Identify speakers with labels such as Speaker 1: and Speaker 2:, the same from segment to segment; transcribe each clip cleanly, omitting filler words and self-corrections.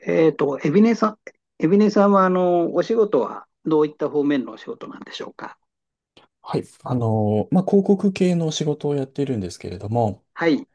Speaker 1: エビネさん、エビネさんは、お仕事はどういった方面のお仕事なんでしょうか。
Speaker 2: はい。広告系の仕事をやっているんですけれども、
Speaker 1: はい。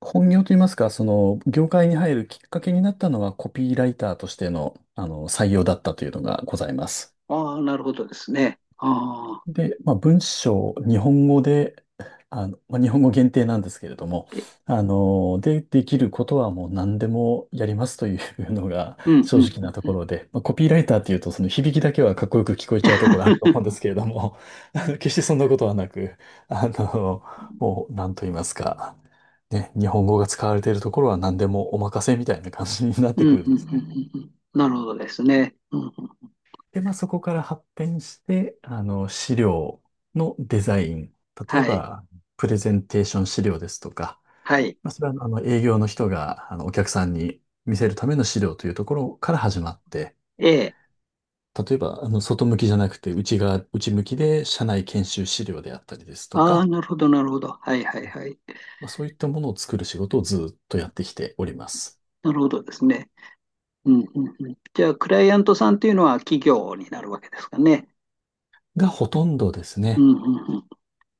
Speaker 2: 本業といいますか、業界に入るきっかけになったのは、コピーライターとしての、採用だったというのがございます。
Speaker 1: ああ、なるほどですね。ああ、
Speaker 2: で、まあ、文章、日本語で、日本語限定なんですけれども、
Speaker 1: え
Speaker 2: で、できることはもう何でもやりますというのが
Speaker 1: う ん、
Speaker 2: 正
Speaker 1: うん、
Speaker 2: 直
Speaker 1: う
Speaker 2: な
Speaker 1: ん、
Speaker 2: と
Speaker 1: う
Speaker 2: こ
Speaker 1: ん。
Speaker 2: ろで、まあ、コピーライターっていうとその響きだけはかっこよく聞こえちゃうところあると思 うんですけれども、決してそんなことはなく、あの、もう何と言いますか、ね、日本語が使われているところは何でもお任せみたいな感じになっ
Speaker 1: う
Speaker 2: て
Speaker 1: ん、
Speaker 2: く
Speaker 1: うん、
Speaker 2: るん
Speaker 1: う
Speaker 2: で
Speaker 1: ん、
Speaker 2: す
Speaker 1: う
Speaker 2: ね。
Speaker 1: んうんなるほどですね。うんうん
Speaker 2: で、まあ、そこから発展して、資料のデザイン。例え
Speaker 1: はい、
Speaker 2: ば、プレゼンテーション資料ですとか、
Speaker 1: はい。
Speaker 2: まあ、それは、営業の人が、お客さんに見せるための資料というところから始まって、
Speaker 1: ええ。
Speaker 2: 例えば、外向きじゃなくて、内側、内向きで、社内研修資料であったりですと
Speaker 1: ああ、
Speaker 2: か、
Speaker 1: なるほど、なるほど。はい、はい、はい。
Speaker 2: まあ、そういったものを作る仕事をずっとやってきております。
Speaker 1: なるほどですね。うん、うん、うん。じゃあ、クライアントさんというのは企業になるわけですかね。
Speaker 2: が、ほとんどです
Speaker 1: う
Speaker 2: ね。
Speaker 1: ん、うん、うん。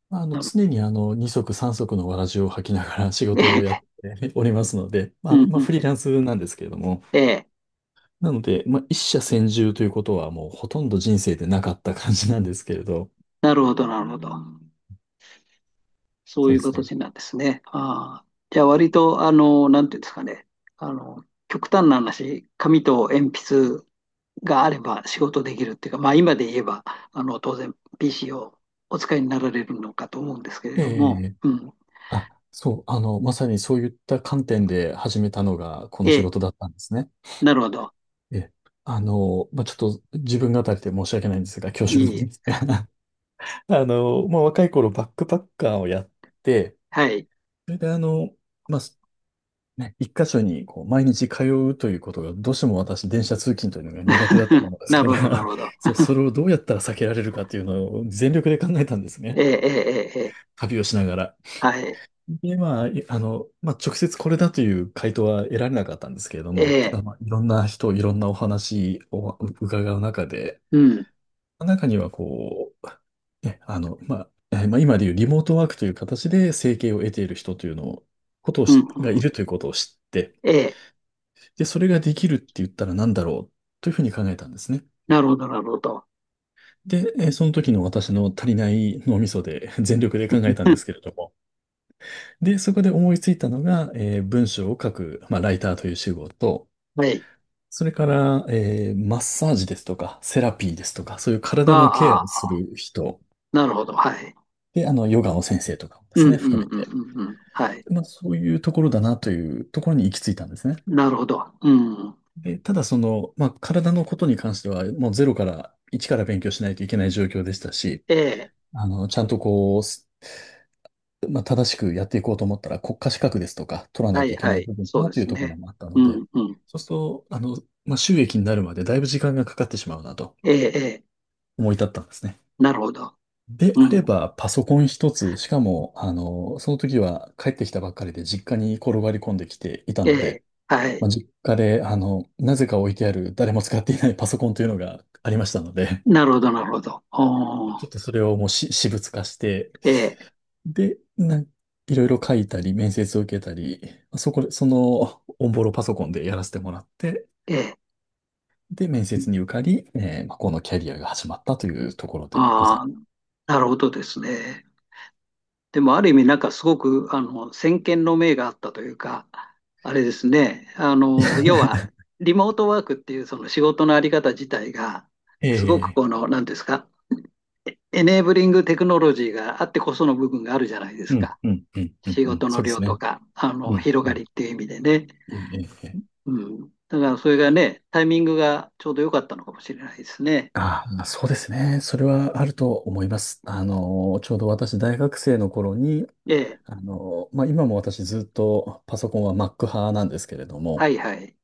Speaker 2: まあ、
Speaker 1: なる、
Speaker 2: 常に二足三足のわらじを履きながら仕
Speaker 1: え
Speaker 2: 事をやっ
Speaker 1: え、
Speaker 2: ておりますので、
Speaker 1: うん、
Speaker 2: ま
Speaker 1: う
Speaker 2: あ、フリー
Speaker 1: ん。
Speaker 2: ランスなんですけれども、
Speaker 1: ええ。
Speaker 2: なので、まあ、一社専住ということはもうほとんど人生でなかった感じなんですけれど、
Speaker 1: なるほど、なるほど。そう
Speaker 2: そ
Speaker 1: い
Speaker 2: うで
Speaker 1: う
Speaker 2: すね。
Speaker 1: 形なんですね。ああ。じゃあ割と、なんていうんですかね。極端な話、紙と鉛筆があれば仕事できるっていうか、まあ今で言えば、当然 PC をお使いになられるのかと思うんですけれ
Speaker 2: え
Speaker 1: ども、
Speaker 2: え、
Speaker 1: うん。
Speaker 2: あ、そう、まさにそういった観点で始めたのがこの
Speaker 1: え
Speaker 2: 仕
Speaker 1: え、
Speaker 2: 事だったんですね。
Speaker 1: なるほど。
Speaker 2: ええ、まあ、ちょっと自分語りで申し訳ないんですが、恐
Speaker 1: いえ
Speaker 2: 縮な
Speaker 1: い
Speaker 2: ん
Speaker 1: え。
Speaker 2: ですが、まあ、若い頃バックパッカーをやって、
Speaker 1: はい。
Speaker 2: それでまあ、ね、一箇所にこう毎日通うということが、どうしても私、電車通勤というのが苦手だったも のです
Speaker 1: な
Speaker 2: か
Speaker 1: るほど、なる
Speaker 2: ら、
Speaker 1: ほど。
Speaker 2: そう、それをどうやったら避けられるかというのを全力で考えたんです
Speaker 1: え
Speaker 2: ね。
Speaker 1: え、ええ、ええ、ええ
Speaker 2: 旅をしながら。
Speaker 1: はい。
Speaker 2: で、まあ、いあの、まあ、直接これだという回答は得られなかったんですけれど
Speaker 1: え
Speaker 2: も、ただ、
Speaker 1: え、
Speaker 2: まあ、いろんな人、いろんなお話を伺う中で、
Speaker 1: うん、
Speaker 2: 中にはこう、ね、今でいうリモートワークという形で生計を得ている人というのを、ことを
Speaker 1: うん、うん
Speaker 2: しが
Speaker 1: う
Speaker 2: い
Speaker 1: ん
Speaker 2: るということを知って、
Speaker 1: ええ、
Speaker 2: で、それができるって言ったら何だろうというふうに考えたんですね。
Speaker 1: なるほど、なるほど。
Speaker 2: で、その時の私の足りない脳みそで 全力で考えたんですけ れども。で、そこで思いついたのが、文章を書く、まあ、ライターという仕事、
Speaker 1: はい。
Speaker 2: それから、マッサージですとか、セラピーですとか、そういう
Speaker 1: が、
Speaker 2: 体のケア
Speaker 1: あ
Speaker 2: をす
Speaker 1: あ、
Speaker 2: る人、
Speaker 1: なるほど、はい。
Speaker 2: で、ヨガの先生とかもで
Speaker 1: うん
Speaker 2: すね、
Speaker 1: うん
Speaker 2: 含め
Speaker 1: うん
Speaker 2: て、
Speaker 1: うんうん。はい。
Speaker 2: まあ、そういうところだなというところに行き着いたんですね。
Speaker 1: なるほど。うん。
Speaker 2: で、ただその、まあ、体のことに関しては、もうゼロから、一から勉強しないといけない状況でしたし、
Speaker 1: ええ。
Speaker 2: ちゃんとこう、まあ、正しくやっていこうと思ったら、国家資格ですとか、取らな
Speaker 1: は
Speaker 2: いと
Speaker 1: い
Speaker 2: いけ
Speaker 1: は
Speaker 2: ない
Speaker 1: い。
Speaker 2: 部分か
Speaker 1: そう
Speaker 2: な
Speaker 1: で
Speaker 2: という
Speaker 1: す
Speaker 2: ところ
Speaker 1: ね。
Speaker 2: もあった
Speaker 1: う
Speaker 2: ので、
Speaker 1: んうん。
Speaker 2: そうすると、まあ、収益になるまでだいぶ時間がかかってしまうなと
Speaker 1: ええ、ええ。
Speaker 2: 思い立ったんですね。
Speaker 1: なるほど。
Speaker 2: で
Speaker 1: う
Speaker 2: あれ
Speaker 1: ん。
Speaker 2: ば、パソコン一つ、しかも、その時は帰ってきたばっかりで実家に転がり込んできていた
Speaker 1: え
Speaker 2: の
Speaker 1: え。
Speaker 2: で、
Speaker 1: はい。
Speaker 2: まあ、実家で、なぜか置いてある誰も使っていないパソコンというのがありましたので、
Speaker 1: なるほど、なるほど。お
Speaker 2: ち
Speaker 1: ー。
Speaker 2: ょっとそれをもう私物化して、
Speaker 1: ええ、
Speaker 2: で、いろいろ書いたり、面接を受けたり、そこで、その、オンボロパソコンでやらせてもらって、
Speaker 1: ええ。
Speaker 2: で、面接に受かり、まあ、このキャリアが始まったというところでござ
Speaker 1: あ
Speaker 2: い
Speaker 1: あ、なるほどですね。でも、ある意味、なんかすごく、先見の明があったというか、あれですね。
Speaker 2: ま
Speaker 1: 要は、
Speaker 2: す。
Speaker 1: リモートワークっていうその仕事のあり方自体が、すごく
Speaker 2: ええ、
Speaker 1: この、なんですか、エネーブリングテクノロジーがあってこその部分があるじゃないで
Speaker 2: う
Speaker 1: す
Speaker 2: ん、
Speaker 1: か。
Speaker 2: うん、うん、うん、
Speaker 1: 仕
Speaker 2: うん、
Speaker 1: 事の
Speaker 2: そうです
Speaker 1: 量と
Speaker 2: ね。
Speaker 1: か、
Speaker 2: うん、
Speaker 1: 広
Speaker 2: う
Speaker 1: が
Speaker 2: ん、
Speaker 1: りっていう意味でね。
Speaker 2: ええええ、
Speaker 1: うん。だからそれがね、タイミングがちょうど良かったのかもしれないですね。
Speaker 2: あ、まあ、そうですね。それはあると思います。ちょうど私、大学生の頃に、
Speaker 1: ええ。
Speaker 2: まあ、今も私ずっとパソコンは Mac 派なんですけれど
Speaker 1: は
Speaker 2: も、
Speaker 1: いはい。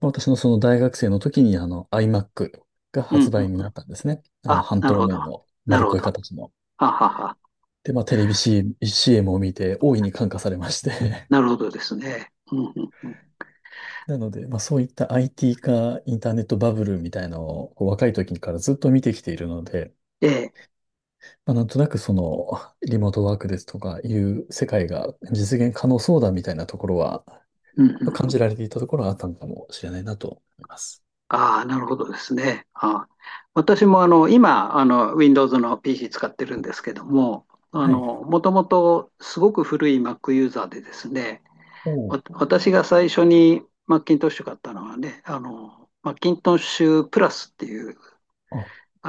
Speaker 2: 私のその大学生の時に、iMac が
Speaker 1: う
Speaker 2: 発
Speaker 1: んう
Speaker 2: 売
Speaker 1: ん。
Speaker 2: になったんですね。
Speaker 1: あ、
Speaker 2: 半
Speaker 1: な
Speaker 2: 透
Speaker 1: るほ
Speaker 2: 明
Speaker 1: ど。
Speaker 2: の
Speaker 1: な
Speaker 2: 丸っ
Speaker 1: るほ
Speaker 2: こい
Speaker 1: ど。は
Speaker 2: 形の。
Speaker 1: はは。
Speaker 2: で、まあ、テレビ CM を見て大いに感化されまして。
Speaker 1: なるほどですね。うんうんうん。
Speaker 2: なので、まあ、そういった IT 化、インターネットバブルみたいのをこう若い時からずっと見てきているので、
Speaker 1: ええ。
Speaker 2: まあ、なんとなくその、リモートワークですとかいう世界が実現可能そうだみたいなところは、ま
Speaker 1: うんうん
Speaker 2: あ感
Speaker 1: うん。
Speaker 2: じられていたところはあったのかもしれないなと思います。
Speaker 1: ああ、なるほどですね。ああ私も今Windows の pc 使ってるんですけども、あ
Speaker 2: はい。
Speaker 1: のもともとすごく古い Mac ユーザーでですね、
Speaker 2: おー、
Speaker 1: 私が最初に Macintosh 買ったのはね、あの Macintosh プラスっていう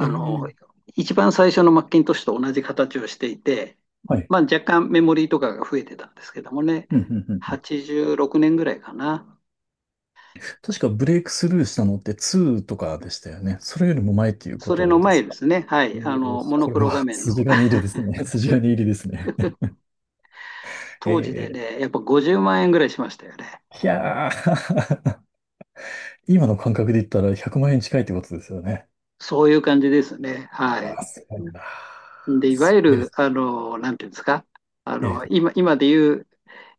Speaker 2: あ、え
Speaker 1: の、
Speaker 2: え、
Speaker 1: 一番最初の Macintosh と同じ形をしていて、
Speaker 2: はい。
Speaker 1: まあ、若干メモリーとかが増えてたんですけどもね、
Speaker 2: うん、うん、うん、うん。
Speaker 1: 86年ぐらいかな。
Speaker 2: 確かブレイクスルーしたのって2とかでしたよね。それよりも前っていうこ
Speaker 1: それの
Speaker 2: とです
Speaker 1: 前で
Speaker 2: か。
Speaker 1: すね、は
Speaker 2: お
Speaker 1: い、あ
Speaker 2: お、
Speaker 1: のモノ
Speaker 2: こ
Speaker 1: ク
Speaker 2: れ
Speaker 1: ロ画
Speaker 2: は
Speaker 1: 面の
Speaker 2: 筋金入りですね。筋金入りですね。え
Speaker 1: 当時で
Speaker 2: ー、
Speaker 1: ね、やっぱ50万円ぐらいしましたよね。
Speaker 2: いやー 今の感覚で言ったら100万円近いってことですよね。
Speaker 1: そういう感じですね。は
Speaker 2: う
Speaker 1: い。
Speaker 2: わ、すごいな。
Speaker 1: で、いわ
Speaker 2: す
Speaker 1: ゆ
Speaker 2: ごいで
Speaker 1: る、
Speaker 2: すね。
Speaker 1: なんていうんですか、
Speaker 2: ええ、
Speaker 1: 今、今でいう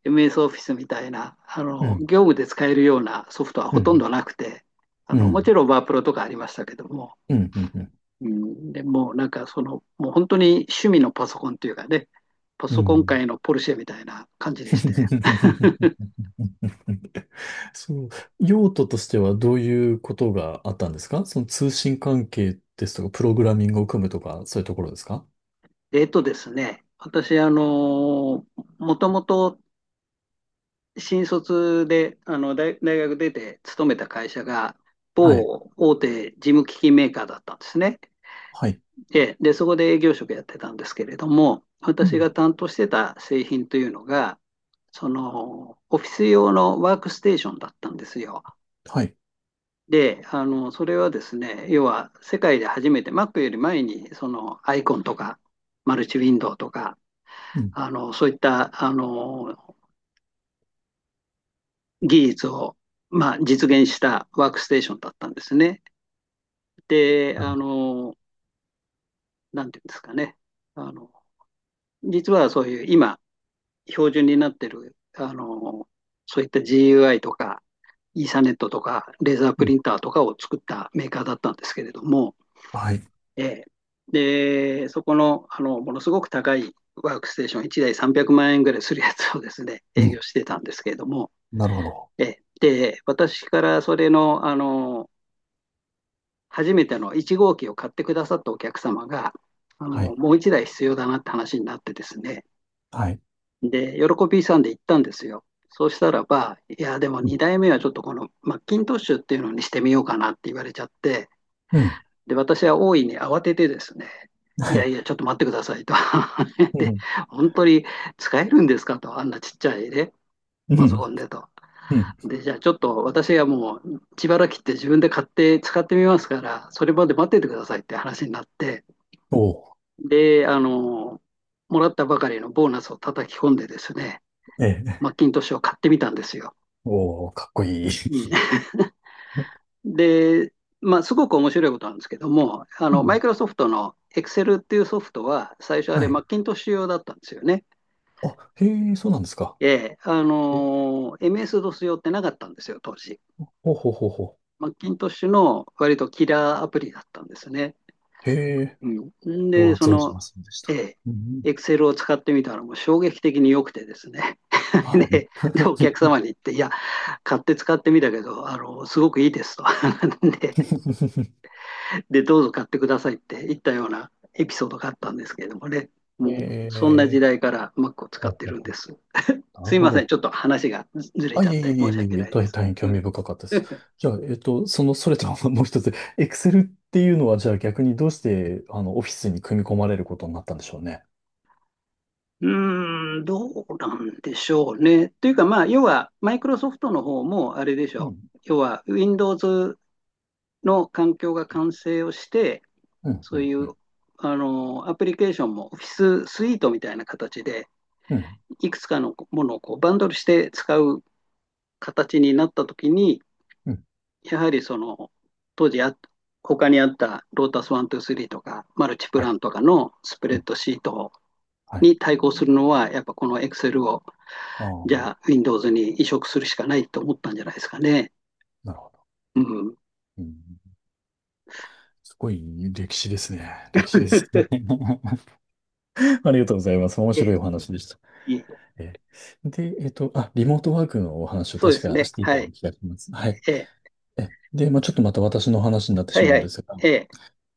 Speaker 1: MS オフィスみたいな、
Speaker 2: うん、
Speaker 1: 業務で使えるようなソフトは
Speaker 2: う
Speaker 1: ほとん
Speaker 2: ん、
Speaker 1: どなくて、
Speaker 2: う
Speaker 1: もち
Speaker 2: ん、
Speaker 1: ろんワープロとかありましたけども、
Speaker 2: うん、うん、
Speaker 1: うん、でもうなんかその、もう本当に趣味のパソコンというかね、パ
Speaker 2: う
Speaker 1: ソコン
Speaker 2: ん。
Speaker 1: 界のポルシェみたいな感じでして。
Speaker 2: そう、用途としてはどういうことがあったんですか、その通信関係ですとか、プログラミングを組むとか、そういうところですか。
Speaker 1: えっとですね、私、もともと新卒で、大学出て勤めた会社が、
Speaker 2: はい、
Speaker 1: 某大手事務機器メーカーだったんですね。
Speaker 2: はい、
Speaker 1: で、そこで営業職やってたんですけれども、
Speaker 2: う
Speaker 1: 私
Speaker 2: ん、
Speaker 1: が担当してた製品というのが、その、オフィス用のワークステーションだったんですよ。
Speaker 2: はい、
Speaker 1: で、それはですね、要は世界で初めて Mac より前に、その、アイコンとか、マルチウィンドウとか、
Speaker 2: うん、
Speaker 1: あの、そういった、あの、技術を、まあ、実現したワークステーションだったんですね。で、なんていうんですかね。あの、実はそういう今、標準になってる、そういった GUI とか、イーサネットとか、レーザー
Speaker 2: う
Speaker 1: プ
Speaker 2: ん、
Speaker 1: リンターとかを作ったメーカーだったんですけれども、
Speaker 2: はい、
Speaker 1: えーで、そこの、ものすごく高いワークステーション、1台300万円ぐらいするやつをですね、
Speaker 2: う
Speaker 1: 営業
Speaker 2: ん、
Speaker 1: してたんですけれども、
Speaker 2: なるほど。
Speaker 1: えーで、私からそれの、初めての1号機を買ってくださったお客様が、あ
Speaker 2: は
Speaker 1: の
Speaker 2: い、
Speaker 1: もう1台必要だなって話になってですね、
Speaker 2: はい、
Speaker 1: で、喜びさんで行ったんですよ。そうしたらば、いや、でも
Speaker 2: うん、
Speaker 1: 2代目はちょっとこのマッキントッシュっていうのにしてみようかなって言われちゃって、
Speaker 2: うん、
Speaker 1: で、私は大いに慌ててですね、い
Speaker 2: は
Speaker 1: や
Speaker 2: い、
Speaker 1: いや、ちょっと待ってくださいと
Speaker 2: う
Speaker 1: で、
Speaker 2: ん、
Speaker 1: 本当に使えるんですかと、あんなちっちゃいね、
Speaker 2: う
Speaker 1: パソコ
Speaker 2: ん、
Speaker 1: ンでと。
Speaker 2: うん、
Speaker 1: で、じゃあちょっと私がもう自腹切って自分で買って使ってみますから、それまで待っててくださいって話になって、
Speaker 2: おー、
Speaker 1: で、もらったばかりのボーナスを叩き込んでですね、
Speaker 2: ええ、
Speaker 1: マッキントッシュを買ってみたんですよ。
Speaker 2: おー、かっこいい。
Speaker 1: うん で、まあ、すごく面白いことなんですけども、
Speaker 2: う
Speaker 1: マ
Speaker 2: ん、
Speaker 1: イクロソフトの Excel っていうソフトは、最初あれ、
Speaker 2: は
Speaker 1: マ
Speaker 2: い。
Speaker 1: ッキントッシュ用だったんですよね。
Speaker 2: あ、へえ、そうなんですか。
Speaker 1: ええ、
Speaker 2: え、
Speaker 1: MS-DOS 用ってなかったんですよ、当時。
Speaker 2: ほうほうほうほう。
Speaker 1: マッキントッシュの割とキラーアプリだったんですね。
Speaker 2: へえ、
Speaker 1: うん、
Speaker 2: これ
Speaker 1: で、
Speaker 2: は
Speaker 1: そ
Speaker 2: 存じ
Speaker 1: の、
Speaker 2: ませんでし
Speaker 1: え
Speaker 2: た。うん、
Speaker 1: え、Excel を使ってみたらもう衝撃的に良くてですね。
Speaker 2: は
Speaker 1: で、
Speaker 2: い。
Speaker 1: お客様 に言って、いや、買って使ってみたけど、すごくいいですと で、どうぞ買ってくださいって言ったようなエピソードがあったんですけれどもね、
Speaker 2: え
Speaker 1: もう、そんな時
Speaker 2: え、
Speaker 1: 代から Mac を使
Speaker 2: ほ
Speaker 1: っ
Speaker 2: う
Speaker 1: て
Speaker 2: ほう
Speaker 1: るん
Speaker 2: ほ
Speaker 1: です。
Speaker 2: う、なる
Speaker 1: すい
Speaker 2: ほ
Speaker 1: ません、
Speaker 2: ど。
Speaker 1: ちょっと話がずれ
Speaker 2: あ、
Speaker 1: ちゃ
Speaker 2: い
Speaker 1: っ
Speaker 2: えいえ
Speaker 1: て
Speaker 2: いえ
Speaker 1: 申し
Speaker 2: いえ
Speaker 1: 訳
Speaker 2: いえ、
Speaker 1: ないです。
Speaker 2: 大変興
Speaker 1: う
Speaker 2: 味
Speaker 1: ん
Speaker 2: 深かったです。じゃあ、それとはもう一つ、Excel っていうのは、じゃあ逆にどうして、オフィスに組み込まれることになったんでしょうね。
Speaker 1: うーん、どうなんでしょうね。というか、まあ、要は、マイクロソフトの方もあれでし
Speaker 2: う
Speaker 1: ょ
Speaker 2: ん、
Speaker 1: う。要は、Windows の環境が完成をして、
Speaker 2: うん、う
Speaker 1: そう
Speaker 2: ん、
Speaker 1: い
Speaker 2: う
Speaker 1: う
Speaker 2: ん、
Speaker 1: あのアプリケーションもオフィススイートみたいな形で、
Speaker 2: うん、
Speaker 1: いくつかのものをこうバンドルして使う形になったときに、
Speaker 2: うん、
Speaker 1: やはりその当時他にあったロータス123とかマルチプ
Speaker 2: は
Speaker 1: ラ
Speaker 2: い、
Speaker 1: ンとかのスプ
Speaker 2: う
Speaker 1: レッ
Speaker 2: ん、
Speaker 1: ドシート
Speaker 2: はい。
Speaker 1: に対抗するのは、やっぱこの Excel を
Speaker 2: ああ、
Speaker 1: じゃあ Windows に移植するしかないと思ったんじゃないですかね。
Speaker 2: なるほど。
Speaker 1: うん
Speaker 2: うん、すごい歴史ですね。歴史ですね。ありがとうございます。面白い
Speaker 1: え
Speaker 2: お話でした。
Speaker 1: え
Speaker 2: え、で、あ、リモートワークのお話を
Speaker 1: そうで
Speaker 2: 確
Speaker 1: す
Speaker 2: か
Speaker 1: ね。
Speaker 2: していた
Speaker 1: は
Speaker 2: よう
Speaker 1: い。
Speaker 2: な気がします。はい。
Speaker 1: ええ
Speaker 2: え、で、まあ、ちょっとまた私の話になって
Speaker 1: は
Speaker 2: し
Speaker 1: い
Speaker 2: ま
Speaker 1: は
Speaker 2: うんで
Speaker 1: い。
Speaker 2: すが、
Speaker 1: ええ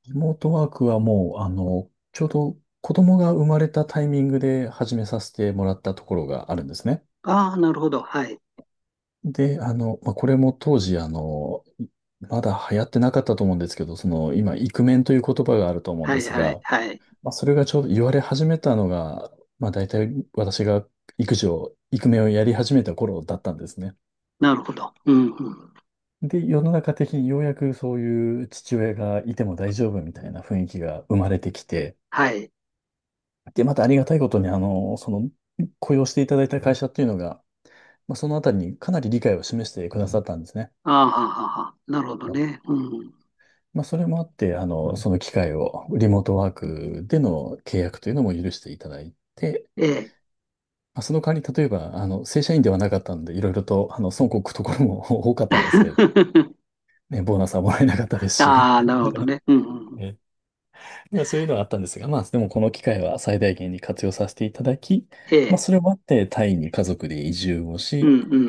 Speaker 2: リモートワークはもう、ちょうど子供が生まれたタイミングで始めさせてもらったところがあるんですね。
Speaker 1: ああ、なるほど。はい。
Speaker 2: で、まあ、これも当時、まだ流行ってなかったと思うんですけど、その、今、イクメンという言葉があると思うん
Speaker 1: は
Speaker 2: で
Speaker 1: い
Speaker 2: す
Speaker 1: はい
Speaker 2: が、
Speaker 1: はい。
Speaker 2: まあ、それがちょうど言われ始めたのが、まあ、大体私が育児を、イクメンをやり始めた頃だったんですね。
Speaker 1: なるほど。うんうん。
Speaker 2: で、世の中的にようやくそういう父親がいても大丈夫みたいな雰囲気が生まれてきて、
Speaker 1: はい。
Speaker 2: で、またありがたいことに、雇用していただいた会社っていうのが、まあ、そのあたりにかなり理解を示してくださったんですね。
Speaker 1: ああ、はあはあはあなるほどね。うん。
Speaker 2: まあ、それもあって、その機会を、リモートワークでの契約というのも許していただいて、
Speaker 1: ええ。
Speaker 2: まあ、その代わり、例えば、正社員ではなかったので、いろいろと、損こくところも 多かったんですけれど、ね、ボーナスはもらえなかったですし、
Speaker 1: ああ、なるほどね。うんう ん。
Speaker 2: えまあ、そういうのはあったんですが、まあ、でもこの機会は最大限に活用させていただき、
Speaker 1: え
Speaker 2: まあ、
Speaker 1: え。
Speaker 2: それもあってタイに家族で移住を
Speaker 1: う
Speaker 2: し、
Speaker 1: んうんうんう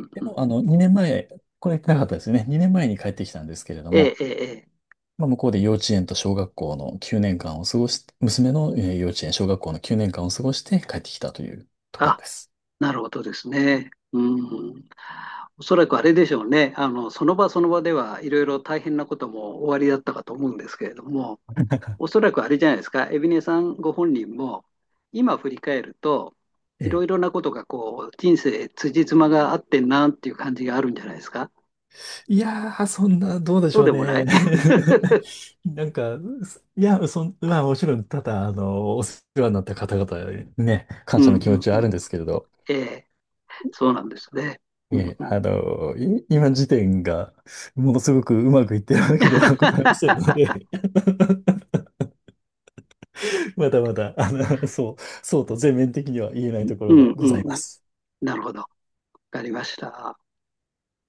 Speaker 1: ん
Speaker 2: で
Speaker 1: うん。
Speaker 2: も、2年前、これ言ってなかったですよね。2年前に帰ってきたんですけれど
Speaker 1: ええ、
Speaker 2: も、
Speaker 1: ええ、ええ。
Speaker 2: まあ、向こうで幼稚園と小学校の9年間を過ごし、娘の幼稚園、小学校の9年間を過ごして帰ってきたというところ
Speaker 1: あ、
Speaker 2: です。
Speaker 1: なるほどですね。うん。おそらくあれでしょうね。その場その場ではいろいろ大変なこともおありだったかと思うんですけれども、おそらくあれじゃないですか、海老根さんご本人も、今振り返ると、
Speaker 2: え
Speaker 1: いろ
Speaker 2: え。
Speaker 1: いろなことがこう人生辻褄が合ってんなっていう感じがあるんじゃないですか。
Speaker 2: いやー、そんな、どうでし
Speaker 1: そう
Speaker 2: ょう
Speaker 1: でもな
Speaker 2: ね。
Speaker 1: い
Speaker 2: なんか、すいや、そん、まあ、もちろん、ただ、お世話になった方々にね、
Speaker 1: う
Speaker 2: 感謝の
Speaker 1: ん
Speaker 2: 気
Speaker 1: う
Speaker 2: 持
Speaker 1: ん
Speaker 2: ちはあ
Speaker 1: うん。
Speaker 2: るんですけれど、
Speaker 1: ええそうなんですね。う
Speaker 2: え
Speaker 1: ん
Speaker 2: え、
Speaker 1: うん、
Speaker 2: 今時点が、ものすごくうまくいってるわけではございませんの で まだまだ、そうと全面的には言えないとこ
Speaker 1: う
Speaker 2: ろが
Speaker 1: ん
Speaker 2: ご
Speaker 1: うん
Speaker 2: ざい
Speaker 1: う
Speaker 2: ま
Speaker 1: ん。
Speaker 2: す。
Speaker 1: なるほど。わかりました。